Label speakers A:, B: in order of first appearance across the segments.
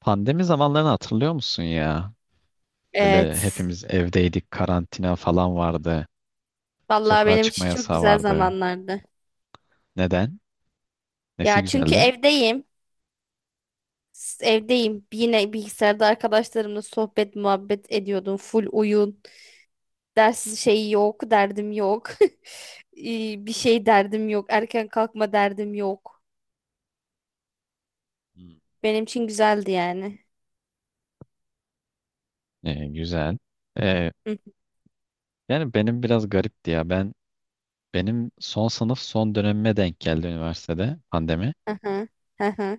A: Pandemi zamanlarını hatırlıyor musun ya? Böyle
B: Evet.
A: hepimiz evdeydik, karantina falan vardı.
B: Vallahi
A: Sokağa
B: benim
A: çıkma
B: için çok
A: yasağı
B: güzel
A: vardı.
B: zamanlardı.
A: Neden? Nesi
B: Ya çünkü
A: güzeldi?
B: evdeyim. Evdeyim. Yine bilgisayarda arkadaşlarımla sohbet muhabbet ediyordum. Full oyun. Ders şeyi yok. Derdim yok. İyi, bir şey derdim yok. Erken kalkma derdim yok.
A: Hmm.
B: Benim için güzeldi yani.
A: Güzel. Ee,
B: Hı,
A: yani benim biraz garipti ya. Benim son sınıf son dönemime denk geldi üniversitede pandemi.
B: aha, hı hı.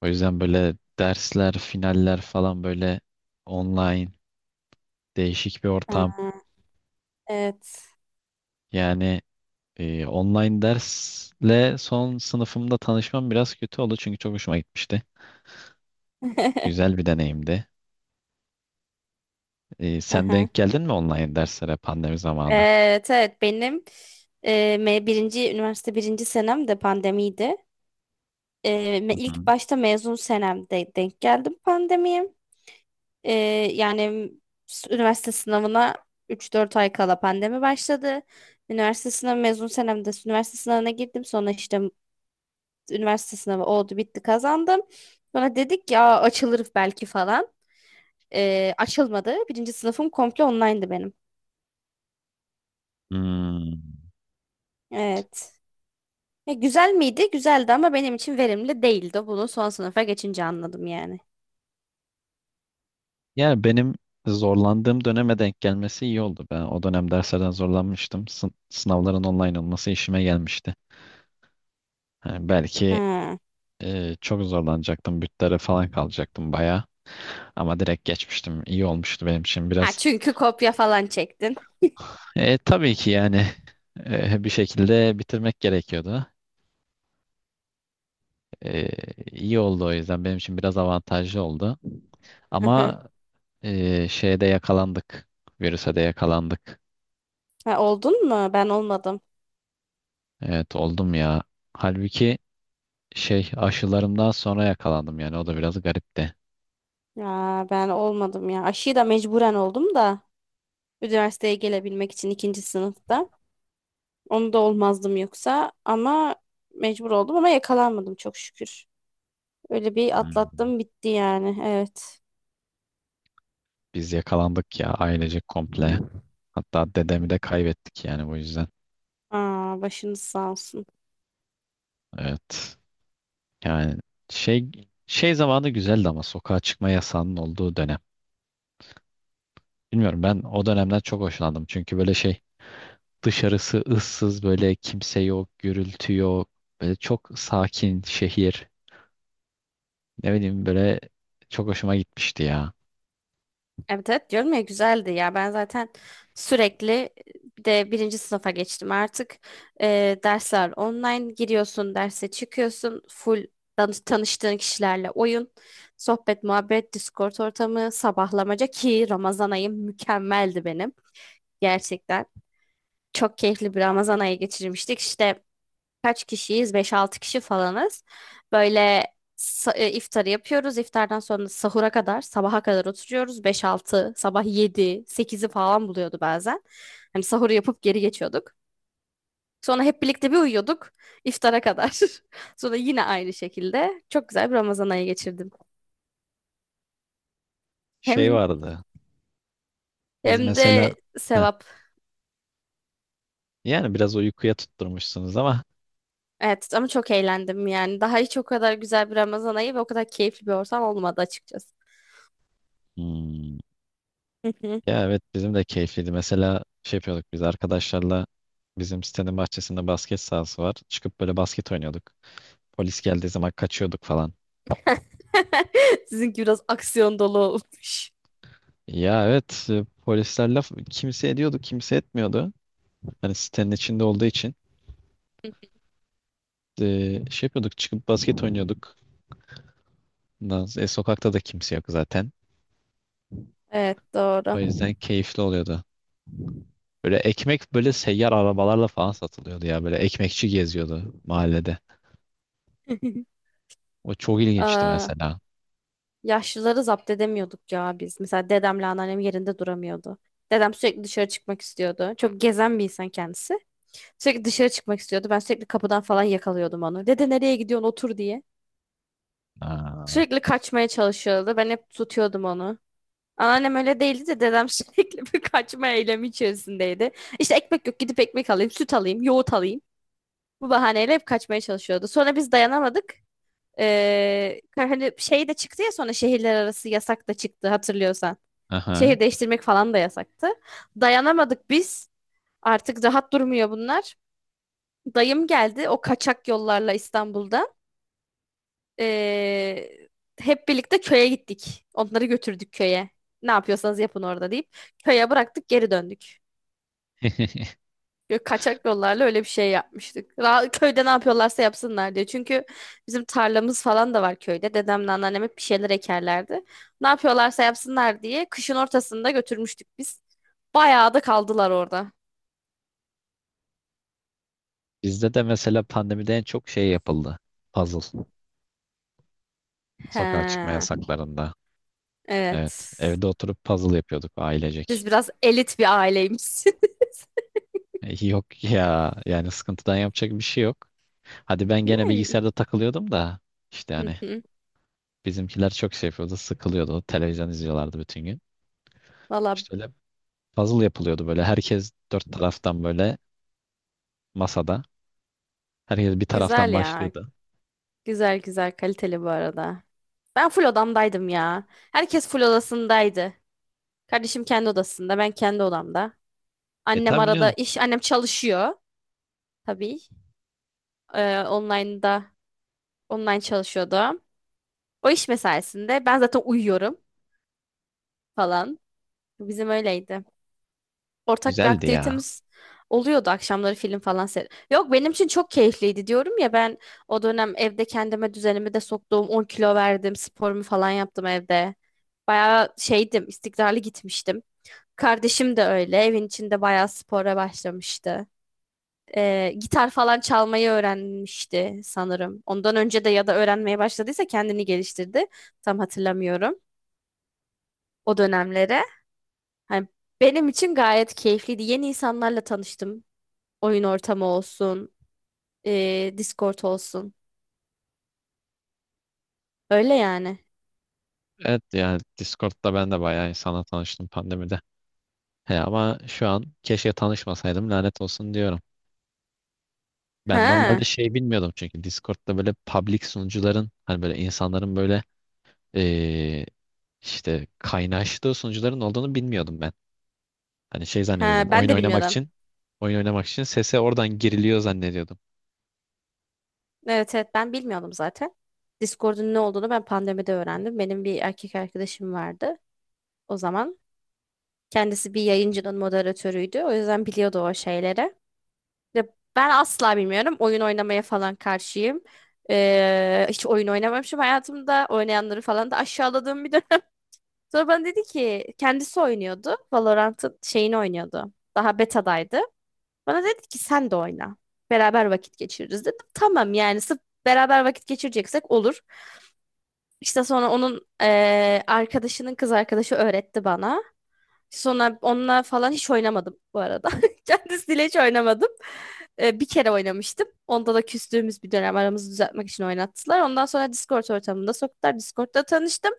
A: O yüzden böyle dersler, finaller falan böyle online değişik bir ortam.
B: Evet.
A: Yani online dersle son sınıfımda tanışmam biraz kötü oldu çünkü çok hoşuma gitmişti. Güzel bir deneyimdi. Sen
B: Aha,
A: denk geldin mi online derslere pandemi zamanı?
B: evet evet, benim e, birinci üniversite birinci senem de pandemiydi.
A: Hı hı.
B: İlk başta mezun senemde denk geldim pandemiye. Ee, Yani, üniversite sınavına 3-4 ay kala pandemi başladı. Üniversite sınavı mezun senemde üniversite sınavına girdim. Sonra işte üniversite sınavı oldu bitti kazandım. Sonra dedik ya açılır belki falan. Açılmadı. Birinci sınıfım komple online'dı benim.
A: Hmm.
B: Evet. Ya güzel miydi? Güzeldi ama benim için verimli değildi. Bunu son sınıfa geçince anladım yani.
A: Yani benim zorlandığım döneme denk gelmesi iyi oldu. Ben o dönem derslerden zorlanmıştım. Sınavların online olması işime gelmişti. Yani belki
B: Ha.
A: Çok zorlanacaktım. Bütlere falan kalacaktım baya. Ama direkt geçmiştim. İyi olmuştu benim için
B: Ha,
A: biraz.
B: çünkü kopya falan çektin.
A: Tabii ki yani bir şekilde bitirmek gerekiyordu. Ee, iyi oldu o yüzden. Benim için biraz avantajlı oldu.
B: Hı hı.
A: Ama şeyde yakalandık. Virüse de yakalandık.
B: Ha, oldun mu? Ben olmadım.
A: Evet oldum ya. Halbuki şey aşılarımdan sonra yakalandım yani o da biraz garipti.
B: Ya ben olmadım ya. Aşıyı da mecburen oldum da üniversiteye gelebilmek için ikinci sınıfta. Onu da olmazdım yoksa ama mecbur oldum ama yakalanmadım çok şükür. Öyle bir
A: Hmm.
B: atlattım bitti yani. Evet.
A: Biz yakalandık ya ailecek komple. Hatta dedemi de kaybettik yani bu yüzden.
B: Aa, başınız sağ olsun.
A: Evet. Yani şey şey zamanı güzeldi ama sokağa çıkma yasağının olduğu dönem. Bilmiyorum ben o dönemden çok hoşlandım. Çünkü böyle şey. Dışarısı ıssız böyle kimse yok, gürültü yok. Böyle çok sakin şehir. Ne bileyim böyle çok hoşuma gitmişti ya.
B: Evet evet, diyorum ya güzeldi ya, ben zaten sürekli, bir de birinci sınıfa geçtim artık. Dersler online, giriyorsun derse çıkıyorsun, full tanıştığın kişilerle oyun, sohbet muhabbet, Discord ortamı, sabahlamaca, ki Ramazan ayım mükemmeldi benim. Gerçekten çok keyifli bir Ramazan ayı geçirmiştik işte. Kaç kişiyiz? Beş-altı kişi falanız. Böyle iftarı yapıyoruz. İftardan sonra sahura kadar, sabaha kadar oturuyoruz. Beş-altı, sabah 7, sekizi falan buluyordu bazen. Hani sahuru yapıp geri geçiyorduk. Sonra hep birlikte bir uyuyorduk iftara kadar. Sonra yine aynı şekilde çok güzel bir Ramazan ayı geçirdim.
A: Şey
B: Hem
A: vardı. Biz
B: hem
A: mesela
B: de
A: heh,
B: sevap.
A: yani biraz uykuya tutturmuşsunuz ama
B: Evet ama çok eğlendim yani. Daha hiç o kadar güzel bir Ramazan ayı ve o kadar keyifli bir ortam olmadı açıkçası.
A: hmm, ya evet bizim de keyifliydi. Mesela şey yapıyorduk biz arkadaşlarla bizim sitenin bahçesinde basket sahası var. Çıkıp böyle basket oynuyorduk. Polis geldiği zaman kaçıyorduk falan.
B: Sizinki biraz aksiyon dolu olmuş.
A: Ya evet polisler laf kimse ediyordu kimse etmiyordu. Hani sitenin içinde olduğu için şey yapıyorduk çıkıp basket oynuyorduk. E, sokakta da kimse yok zaten.
B: Evet,
A: O
B: doğru.
A: yüzden keyifli oluyordu. Böyle ekmek böyle seyyar arabalarla falan satılıyordu ya. Böyle ekmekçi geziyordu mahallede. O çok ilginçti
B: Aa,
A: mesela.
B: yaşlıları zapt edemiyorduk ya biz. Mesela dedemle anneannem yerinde duramıyordu. Dedem sürekli dışarı çıkmak istiyordu. Çok gezen bir insan kendisi. Sürekli dışarı çıkmak istiyordu. Ben sürekli kapıdan falan yakalıyordum onu. Dede nereye gidiyorsun otur diye.
A: Aa,
B: Sürekli kaçmaya çalışıyordu. Ben hep tutuyordum onu. Anneannem öyle değildi de dedem sürekli bir kaçma eylemi içerisindeydi. İşte ekmek yok, gidip ekmek alayım, süt alayım, yoğurt alayım. Bu bahaneyle hep kaçmaya çalışıyordu. Sonra biz dayanamadık. Ee, Hani şey de çıktı ya, sonra şehirler arası yasak da çıktı hatırlıyorsan.
A: aha.
B: Şehir değiştirmek falan da yasaktı. Dayanamadık biz. Artık rahat durmuyor bunlar. Dayım geldi o kaçak yollarla İstanbul'da. Ee, Hep birlikte köye gittik. Onları götürdük köye. Ne yapıyorsanız yapın orada deyip köye bıraktık, geri döndük. Yok, kaçak yollarla öyle bir şey yapmıştık. Köyde ne yapıyorlarsa yapsınlar diye. Çünkü bizim tarlamız falan da var köyde. Dedemle anneannem hep bir şeyler ekerlerdi. Ne yapıyorlarsa yapsınlar diye kışın ortasında götürmüştük biz. Bayağı da kaldılar orada.
A: Bizde de mesela pandemide en çok şey yapıldı. Puzzle.
B: He,
A: Sokağa çıkma yasaklarında. Evet.
B: evet.
A: Evde oturup puzzle yapıyorduk ailecek.
B: Siz biraz elit bir aileymişsiniz.
A: Yok ya. Yani sıkıntıdan yapacak bir şey yok. Hadi ben
B: Değil
A: gene
B: mi?
A: bilgisayarda takılıyordum da. İşte
B: Hı
A: hani
B: hı.
A: bizimkiler çok şey yapıyordu, sıkılıyordu. Televizyon izliyorlardı bütün gün.
B: Valla
A: İşte öyle puzzle yapılıyordu böyle. Herkes dört taraftan böyle masada. Herkes bir taraftan
B: güzel ya.
A: başlıyordu.
B: Güzel güzel, kaliteli bu arada. Ben full odamdaydım ya. Herkes full odasındaydı. Kardeşim kendi odasında, ben kendi odamda.
A: E
B: Annem
A: tabii
B: arada
A: canım.
B: iş, annem çalışıyor tabii. Ee, online'da, online çalışıyordu. O iş mesaisinde ben zaten uyuyorum falan. Bizim öyleydi. Ortak bir
A: Güzeldi ya.
B: aktivitemiz oluyordu akşamları, film falan seyret. Yok, benim için çok keyifliydi diyorum ya, ben o dönem evde kendime düzenimi de soktum. 10 kilo verdim, sporumu falan yaptım evde. Bayağı şeydim, istikrarlı gitmiştim. Kardeşim de öyle. Evin içinde bayağı spora başlamıştı. Gitar falan çalmayı öğrenmişti sanırım. Ondan önce de ya da öğrenmeye başladıysa kendini geliştirdi. Tam hatırlamıyorum o dönemlere. Hani benim için gayet keyifliydi. Yeni insanlarla tanıştım. Oyun ortamı olsun, Discord olsun. Öyle yani.
A: Evet ya, Discord'da ben de bayağı insanla tanıştım pandemide. He ama şu an keşke tanışmasaydım lanet olsun diyorum. Ben
B: Ha,
A: normalde şey bilmiyordum çünkü Discord'da böyle public sunucuların hani böyle insanların böyle eee, işte kaynaştığı sunucuların olduğunu bilmiyordum ben. Hani şey zannediyordum.
B: ha, ben
A: Oyun
B: de
A: oynamak
B: bilmiyordum.
A: için oyun oynamak için sese oradan giriliyor zannediyordum.
B: Evet evet, ben bilmiyordum zaten. Discord'un ne olduğunu ben pandemide öğrendim. Benim bir erkek arkadaşım vardı o zaman. Kendisi bir yayıncının moderatörüydü. O yüzden biliyordu o şeyleri. Ya ben asla bilmiyorum. Oyun oynamaya falan karşıyım. Hiç oyun oynamamışım hayatımda. Oynayanları falan da aşağıladığım bir dönem. Sonra bana dedi ki, kendisi oynuyordu. Valorant'ın şeyini oynuyordu. Daha betadaydı. Bana dedi ki sen de oyna. Beraber vakit geçiririz, dedim. Tamam yani, sırf beraber vakit geçireceksek olur. İşte sonra onun arkadaşının kız arkadaşı öğretti bana. Sonra onunla falan hiç oynamadım bu arada. Kendisiyle hiç oynamadım. Bir kere oynamıştım. Onda da küstüğümüz bir dönem aramızı düzeltmek için oynattılar. Ondan sonra Discord ortamında soktular. Discord'da tanıştım.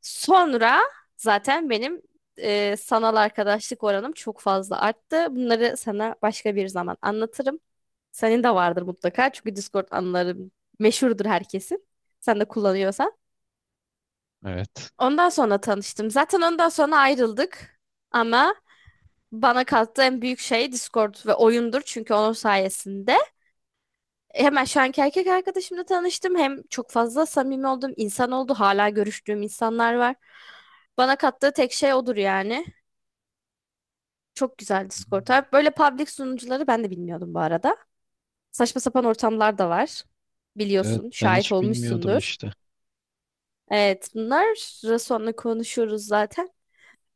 B: Sonra zaten benim sanal arkadaşlık oranım çok fazla arttı. Bunları sana başka bir zaman anlatırım. Senin de vardır mutlaka. Çünkü Discord anıları meşhurdur herkesin. Sen de kullanıyorsan.
A: Evet.
B: Ondan sonra tanıştım. Zaten ondan sonra ayrıldık. Ama bana kattığı en büyük şey Discord ve oyundur. Çünkü onun sayesinde hemen şu anki erkek arkadaşımla tanıştım. Hem çok fazla samimi olduğum insan oldu. Hala görüştüğüm insanlar var. Bana kattığı tek şey odur yani. Çok güzel Discord. Ha, böyle public sunucuları ben de bilmiyordum bu arada. Saçma sapan ortamlar da var.
A: Evet
B: Biliyorsun,
A: ben
B: şahit
A: hiç bilmiyordum
B: olmuşsundur.
A: işte.
B: Evet, bunlar sonra konuşuruz zaten.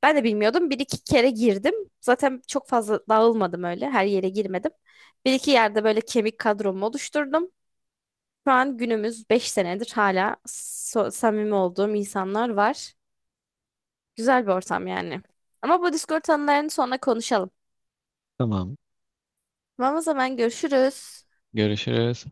B: Ben de bilmiyordum. Bir iki kere girdim. Zaten çok fazla dağılmadım öyle. Her yere girmedim. Bir iki yerde böyle kemik kadromu oluşturdum. Şu an günümüz 5 senedir hala samimi olduğum insanlar var. Güzel bir ortam yani. Ama bu Discord anılarını sonra konuşalım.
A: Tamam.
B: Tamam, o zaman görüşürüz.
A: Görüşürüz.